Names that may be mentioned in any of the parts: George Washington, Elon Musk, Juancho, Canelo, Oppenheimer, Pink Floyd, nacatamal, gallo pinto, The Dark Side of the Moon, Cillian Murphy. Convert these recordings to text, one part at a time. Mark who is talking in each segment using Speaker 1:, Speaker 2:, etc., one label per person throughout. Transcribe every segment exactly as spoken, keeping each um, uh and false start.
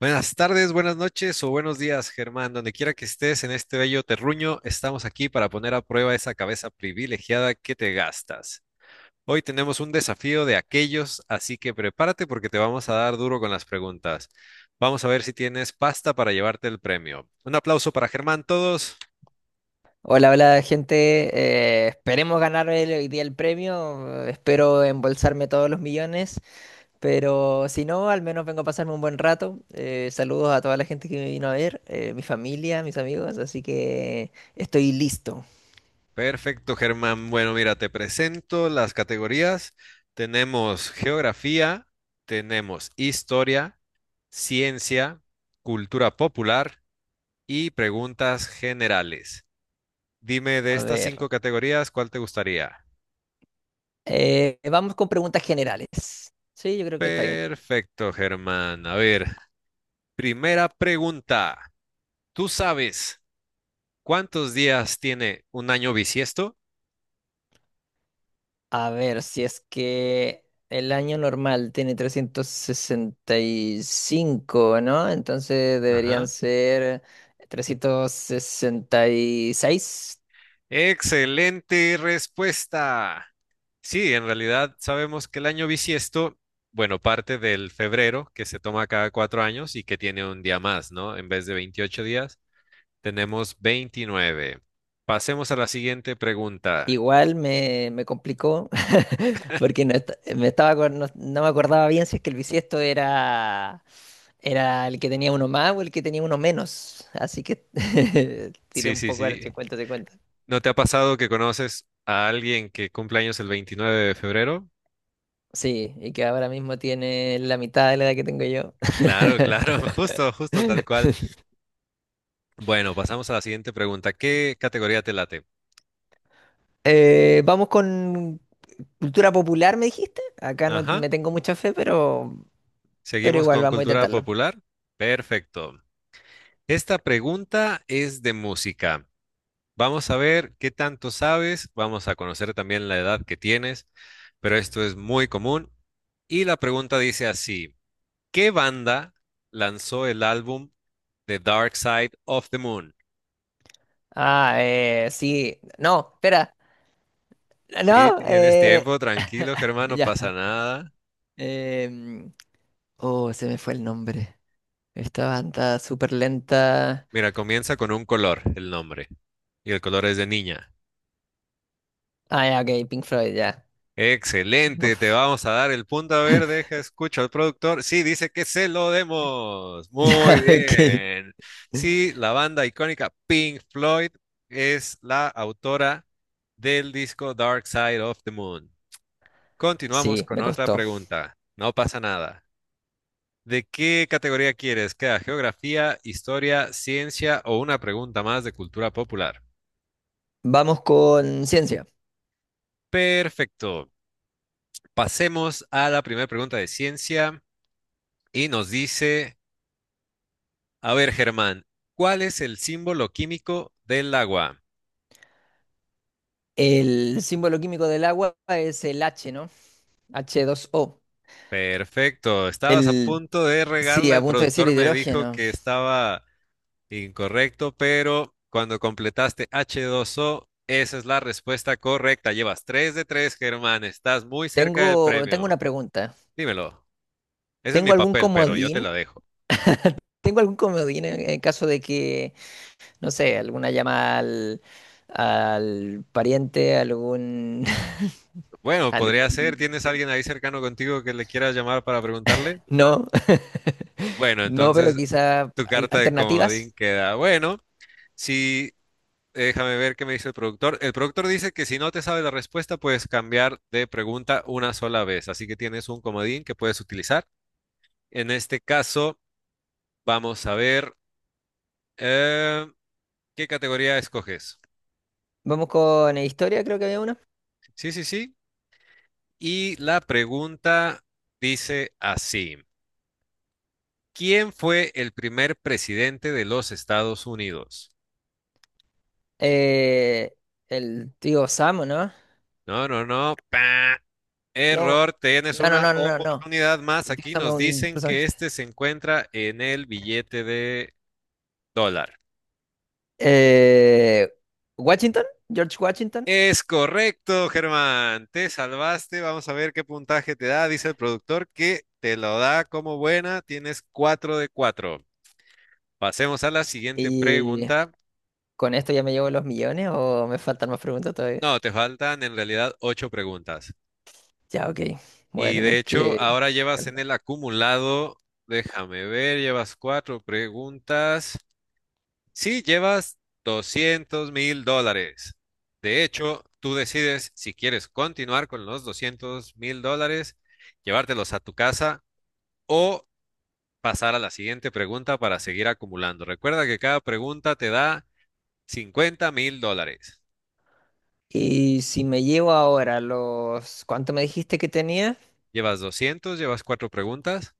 Speaker 1: Buenas tardes, buenas noches o buenos días, Germán. Donde quiera que estés en este bello terruño, estamos aquí para poner a prueba esa cabeza privilegiada que te gastas. Hoy tenemos un desafío de aquellos, así que prepárate porque te vamos a dar duro con las preguntas. Vamos a ver si tienes pasta para llevarte el premio. Un aplauso para Germán, todos.
Speaker 2: Hola, hola gente. Eh, esperemos ganar el- hoy día el premio. eh, Espero embolsarme todos los millones. Pero si no, al menos vengo a pasarme un buen rato. Eh, saludos a toda la gente que me vino a ver, eh, mi familia, mis amigos. Así que estoy listo.
Speaker 1: Perfecto, Germán. Bueno, mira, te presento las categorías. Tenemos geografía, tenemos historia, ciencia, cultura popular y preguntas generales. Dime de
Speaker 2: A
Speaker 1: estas
Speaker 2: ver,
Speaker 1: cinco categorías, ¿cuál te gustaría?
Speaker 2: eh, vamos con preguntas generales. Sí, yo creo que está bien.
Speaker 1: Perfecto, Germán. A ver, primera pregunta. ¿Tú sabes cuántos días tiene un año bisiesto?
Speaker 2: A ver, si es que el año normal tiene trescientos sesenta y cinco, ¿no? Entonces
Speaker 1: Ajá.
Speaker 2: deberían ser trescientos sesenta y seis.
Speaker 1: Excelente respuesta. Sí, en realidad sabemos que el año bisiesto, bueno, parte del febrero, que se toma cada cuatro años y que tiene un día más, ¿no? En vez de veintiocho días, tenemos veintinueve. Pasemos a la siguiente pregunta.
Speaker 2: Igual me, me complicó porque no, est- me estaba, acor- no, no me acordaba bien si es que el bisiesto era, era el que tenía uno más o el que tenía uno menos. Así que tiré
Speaker 1: Sí,
Speaker 2: un
Speaker 1: sí,
Speaker 2: poco al
Speaker 1: sí.
Speaker 2: cincuenta cincuenta.
Speaker 1: ¿No te ha pasado que conoces a alguien que cumple años el veintinueve de febrero?
Speaker 2: Sí, y que ahora mismo tiene la mitad de la edad que tengo yo.
Speaker 1: Claro, claro, justo, justo tal cual. Bueno, pasamos a la siguiente pregunta. ¿Qué categoría te late?
Speaker 2: Eh, vamos con cultura popular, me dijiste. Acá no
Speaker 1: Ajá.
Speaker 2: me tengo mucha fe, pero, pero
Speaker 1: ¿Seguimos
Speaker 2: igual
Speaker 1: con
Speaker 2: vamos a
Speaker 1: cultura
Speaker 2: intentarlo.
Speaker 1: popular? Perfecto. Esta pregunta es de música. Vamos a ver qué tanto sabes. Vamos a conocer también la edad que tienes, pero esto es muy común. Y la pregunta dice así, ¿qué banda lanzó el álbum The Dark Side of the Moon?
Speaker 2: Ah, eh, sí. No, espera.
Speaker 1: Sí,
Speaker 2: No,
Speaker 1: tienes
Speaker 2: eh,
Speaker 1: tiempo, tranquilo, Germán, no pasa
Speaker 2: ya.
Speaker 1: nada.
Speaker 2: em, oh, se me fue el nombre. Esta banda súper lenta.
Speaker 1: Mira, comienza con un color, el nombre. Y el color es de niña.
Speaker 2: Ah, ya, ok, Pink Floyd, ya.
Speaker 1: Excelente, te
Speaker 2: Uf.
Speaker 1: vamos a dar el punto. A ver, deja, escucho al productor. Sí, dice que se lo demos. Muy
Speaker 2: Ok.
Speaker 1: bien. Sí, la banda icónica Pink Floyd es la autora del disco Dark Side of the Moon. Continuamos
Speaker 2: Sí,
Speaker 1: con
Speaker 2: me
Speaker 1: otra
Speaker 2: costó.
Speaker 1: pregunta. No pasa nada. ¿De qué categoría quieres? ¿Queda geografía, historia, ciencia o una pregunta más de cultura popular?
Speaker 2: Vamos con ciencia.
Speaker 1: Perfecto. Pasemos a la primera pregunta de ciencia y nos dice, a ver, Germán, ¿cuál es el símbolo químico del agua?
Speaker 2: El símbolo químico del agua es el H, ¿no? agua.
Speaker 1: Perfecto. Estabas a
Speaker 2: El,
Speaker 1: punto de
Speaker 2: sí,
Speaker 1: regarla.
Speaker 2: a
Speaker 1: El
Speaker 2: punto de decir
Speaker 1: productor me dijo
Speaker 2: hidrógeno.
Speaker 1: que estaba incorrecto, pero cuando completaste hache dos o, esa es la respuesta correcta. Llevas tres de tres, Germán. Estás muy cerca del
Speaker 2: Tengo, tengo una
Speaker 1: premio.
Speaker 2: pregunta.
Speaker 1: Dímelo. Ese es
Speaker 2: ¿Tengo
Speaker 1: mi
Speaker 2: algún
Speaker 1: papel, pero yo
Speaker 2: comodín?
Speaker 1: te la dejo.
Speaker 2: ¿Tengo algún comodín en, en caso de que, no sé, alguna llama al, al pariente, algún,
Speaker 1: Bueno, podría ser.
Speaker 2: algún, no
Speaker 1: ¿Tienes
Speaker 2: sé.
Speaker 1: alguien ahí cercano contigo que le quieras llamar para preguntarle?
Speaker 2: No,
Speaker 1: Bueno,
Speaker 2: no, pero
Speaker 1: entonces
Speaker 2: quizá
Speaker 1: tu
Speaker 2: al-
Speaker 1: carta de
Speaker 2: alternativas.
Speaker 1: comodín queda. Bueno, si déjame ver qué me dice el productor. El productor dice que si no te sabe la respuesta, puedes cambiar de pregunta una sola vez. Así que tienes un comodín que puedes utilizar. En este caso, vamos a ver eh, qué categoría escoges.
Speaker 2: Vamos con historia, creo que había una.
Speaker 1: Sí, sí, sí. Y la pregunta dice así. ¿Quién fue el primer presidente de los Estados Unidos?
Speaker 2: Eh, el tío Sam, ¿o ¿no?
Speaker 1: No, no, no. pa,
Speaker 2: No,
Speaker 1: Error, tienes
Speaker 2: no, no,
Speaker 1: una
Speaker 2: no, no, no.
Speaker 1: oportunidad más. Aquí
Speaker 2: Dígame
Speaker 1: nos
Speaker 2: un
Speaker 1: dicen que
Speaker 2: personaje.
Speaker 1: este se encuentra en el billete de dólar.
Speaker 2: Eh, Washington, George Washington.
Speaker 1: Es correcto, Germán. Te salvaste. Vamos a ver qué puntaje te da. Dice el productor que te lo da como buena. Tienes cuatro de cuatro. Pasemos a la siguiente
Speaker 2: ¿Y
Speaker 1: pregunta.
Speaker 2: con esto ya me llevo los millones o me faltan más preguntas todavía?
Speaker 1: No, te faltan en realidad ocho preguntas.
Speaker 2: Ya, ok. Voy a
Speaker 1: Y de
Speaker 2: tener
Speaker 1: hecho,
Speaker 2: que
Speaker 1: ahora llevas en
Speaker 2: calmar.
Speaker 1: el acumulado, déjame ver, llevas cuatro preguntas. Sí, llevas doscientos mil dólares. De hecho, tú decides si quieres continuar con los doscientos mil dólares, llevártelos a tu casa o pasar a la siguiente pregunta para seguir acumulando. Recuerda que cada pregunta te da cincuenta mil dólares.
Speaker 2: Y si me llevo ahora los... ¿Cuánto me dijiste que tenía?
Speaker 1: Llevas doscientos, llevas cuatro preguntas.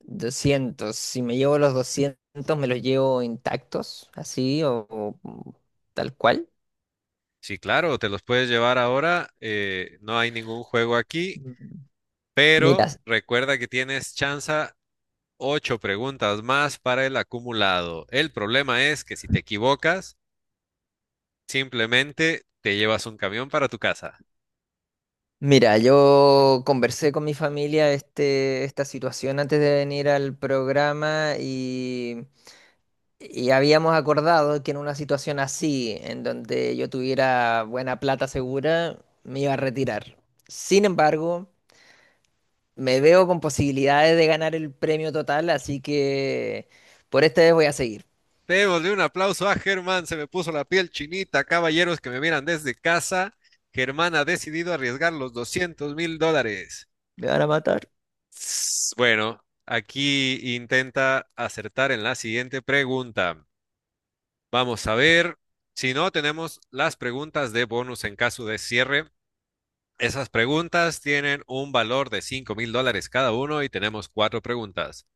Speaker 2: Doscientos. Si me llevo los doscientos, ¿me los llevo intactos? ¿Así o, o tal cual?
Speaker 1: Sí, claro, te los puedes llevar ahora. Eh, no hay ningún juego aquí.
Speaker 2: Mm. Mira,
Speaker 1: Pero recuerda que tienes chance ocho preguntas más para el acumulado. El problema es que si te equivocas, simplemente te llevas un camión para tu casa.
Speaker 2: Mira, yo conversé con mi familia este, esta situación antes de venir al programa y, y habíamos acordado que en una situación así, en donde yo tuviera buena plata segura, me iba a retirar. Sin embargo, me veo con posibilidades de ganar el premio total, así que por esta vez voy a seguir.
Speaker 1: Démosle un aplauso a Germán, se me puso la piel chinita, caballeros que me miran desde casa. Germán ha decidido arriesgar los doscientos mil dólares.
Speaker 2: Me van a matar.
Speaker 1: Bueno, aquí intenta acertar en la siguiente pregunta. Vamos a ver. Si no, tenemos las preguntas de bonus en caso de cierre. Esas preguntas tienen un valor de cinco mil dólares cada uno y tenemos cuatro preguntas.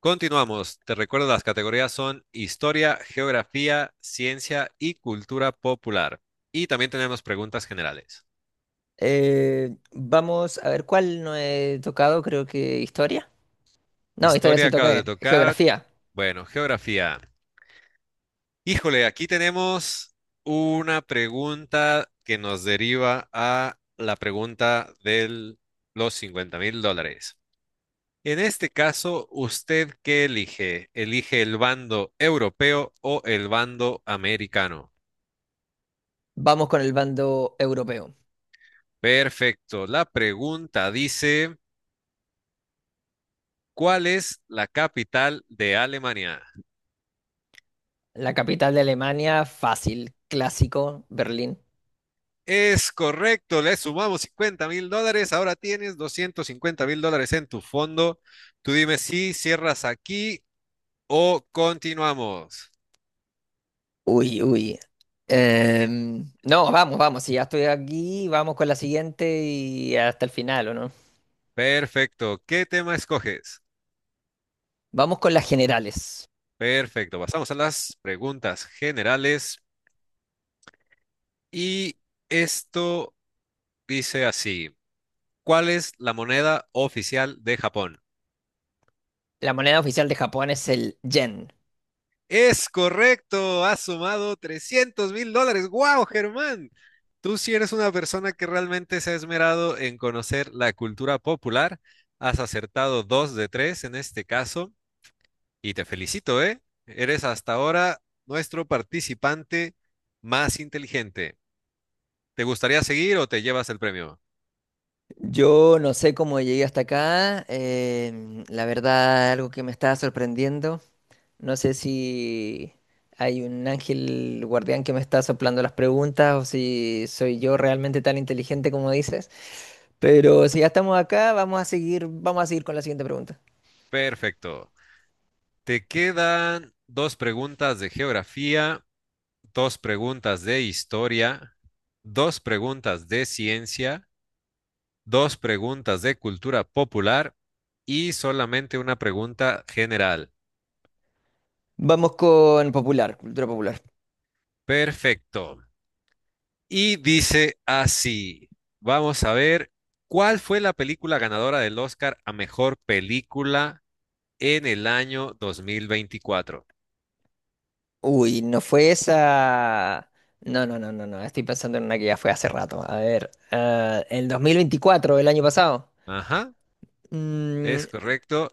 Speaker 1: Continuamos. Te recuerdo, las categorías son historia, geografía, ciencia y cultura popular. Y también tenemos preguntas generales.
Speaker 2: Eh, vamos a ver cuál no he tocado, creo que historia. No, historia
Speaker 1: Historia
Speaker 2: sí
Speaker 1: acabas de
Speaker 2: toqué,
Speaker 1: tocar.
Speaker 2: geografía.
Speaker 1: Bueno, geografía. Híjole, aquí tenemos una pregunta que nos deriva a la pregunta de los cincuenta mil dólares. En este caso, ¿usted qué elige? ¿Elige el bando europeo o el bando americano?
Speaker 2: Vamos con el bando europeo.
Speaker 1: Perfecto. La pregunta dice, ¿cuál es la capital de Alemania?
Speaker 2: La capital de Alemania, fácil, clásico, Berlín.
Speaker 1: Es correcto, le sumamos cincuenta mil dólares, ahora tienes doscientos cincuenta mil dólares en tu fondo. Tú dime si cierras aquí o continuamos.
Speaker 2: Uy, uy. Em, no, vamos, vamos. Si ya estoy aquí, vamos con la siguiente y hasta el final, ¿o no?
Speaker 1: Perfecto, ¿qué tema escoges?
Speaker 2: Vamos con las generales.
Speaker 1: Perfecto, pasamos a las preguntas generales. Y esto dice así, ¿cuál es la moneda oficial de Japón?
Speaker 2: La moneda oficial de Japón es el yen.
Speaker 1: Es correcto, ha sumado trescientos mil dólares. ¡Wow, Germán! Tú si eres una persona que realmente se ha esmerado en conocer la cultura popular. Has acertado dos de tres en este caso y te felicito, ¿eh? Eres hasta ahora nuestro participante más inteligente. ¿Te gustaría seguir o te llevas el premio?
Speaker 2: Yo no sé cómo llegué hasta acá. em, la verdad, algo que me estaba sorprendiendo. No sé si hay un ángel guardián que me está soplando las preguntas o si soy yo realmente tan inteligente como dices, pero si ya estamos acá, vamos a seguir, vamos a seguir con la siguiente pregunta.
Speaker 1: Perfecto. Te quedan dos preguntas de geografía, dos preguntas de historia, dos preguntas de ciencia, dos preguntas de cultura popular y solamente una pregunta general.
Speaker 2: Vamos con popular, cultura popular.
Speaker 1: Perfecto. Y dice así, vamos a ver, ¿cuál fue la película ganadora del Oscar a mejor película en el año dos mil veinticuatro?
Speaker 2: Uy, no fue esa. No, no, no, no, no. Estoy pensando en una que ya fue hace rato. A ver, ah, el dos mil veinticuatro, el año pasado.
Speaker 1: Ajá,
Speaker 2: Mm,
Speaker 1: es correcto.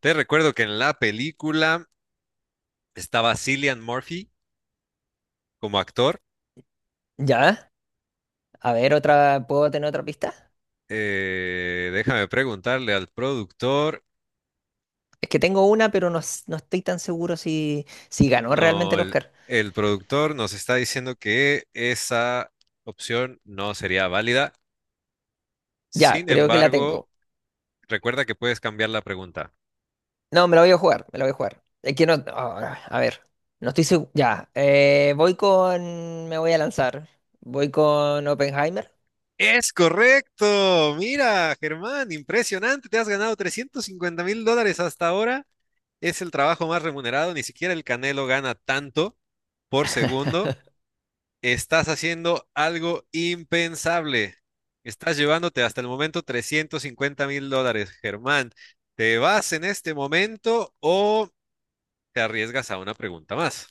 Speaker 1: Te recuerdo que en la película estaba Cillian Murphy como actor.
Speaker 2: ya, a ver, otra, ¿puedo tener otra pista?
Speaker 1: Eh, déjame preguntarle al productor.
Speaker 2: Es que tengo una, pero no, s- no estoy tan seguro si, si ganó realmente
Speaker 1: No,
Speaker 2: el
Speaker 1: el,
Speaker 2: Oscar.
Speaker 1: el productor nos está diciendo que esa opción no sería válida.
Speaker 2: Ya,
Speaker 1: Sin
Speaker 2: creo que la
Speaker 1: embargo,
Speaker 2: tengo.
Speaker 1: recuerda que puedes cambiar la pregunta.
Speaker 2: No, me la voy a jugar, me la voy a jugar. Es que no, ah, a ver, no estoy seguro. Ya, eh, voy con, me voy a lanzar. Voy con Oppenheimer.
Speaker 1: Es correcto. Mira, Germán, impresionante. Te has ganado trescientos cincuenta mil dólares hasta ahora. Es el trabajo más remunerado. Ni siquiera el Canelo gana tanto por segundo. Estás haciendo algo impensable. Estás llevándote hasta el momento trescientos cincuenta mil dólares, Germán. ¿Te vas en este momento o te arriesgas a una pregunta más?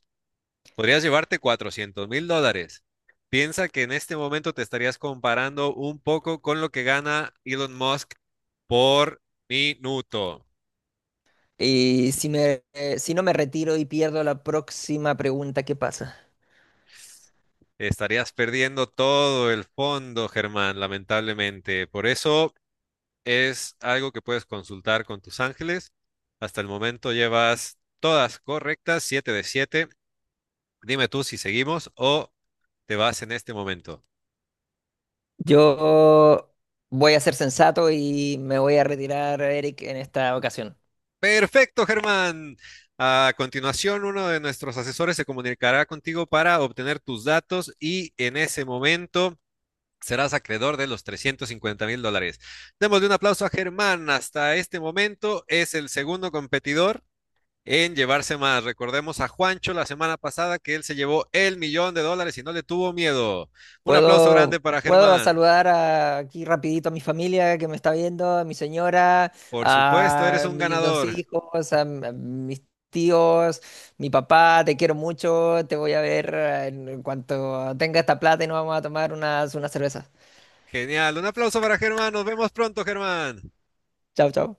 Speaker 1: Podrías llevarte cuatrocientos mil dólares. Piensa que en este momento te estarías comparando un poco con lo que gana Elon Musk por minuto.
Speaker 2: Y si me, eh, si no me retiro y pierdo la próxima pregunta, ¿qué pasa?
Speaker 1: Estarías perdiendo todo el fondo, Germán, lamentablemente. Por eso, es algo que puedes consultar con tus ángeles. Hasta el momento llevas todas correctas, siete de siete. Dime tú si seguimos o te vas en este momento.
Speaker 2: Yo voy a ser sensato y me voy a retirar, Eric, en esta ocasión.
Speaker 1: Perfecto, Germán. A continuación, uno de nuestros asesores se comunicará contigo para obtener tus datos y en ese momento serás acreedor de los trescientos cincuenta mil dólares. Démosle un aplauso a Germán. Hasta este momento es el segundo competidor en llevarse más. Recordemos a Juancho la semana pasada que él se llevó el millón de dólares y no le tuvo miedo. Un aplauso grande
Speaker 2: Puedo,
Speaker 1: para
Speaker 2: puedo
Speaker 1: Germán.
Speaker 2: saludar a- aquí rapidito a mi familia que me está viendo, a mi señora,
Speaker 1: Por supuesto, eres
Speaker 2: a
Speaker 1: un
Speaker 2: mis dos
Speaker 1: ganador.
Speaker 2: hijos, a, m- a mis tíos, mi papá, te quiero mucho, te voy a ver eh, en en cuanto tenga esta plata y nos vamos a tomar unas, unas cervezas.
Speaker 1: Genial. Un aplauso para Germán. Nos vemos pronto, Germán.
Speaker 2: Chao, chao.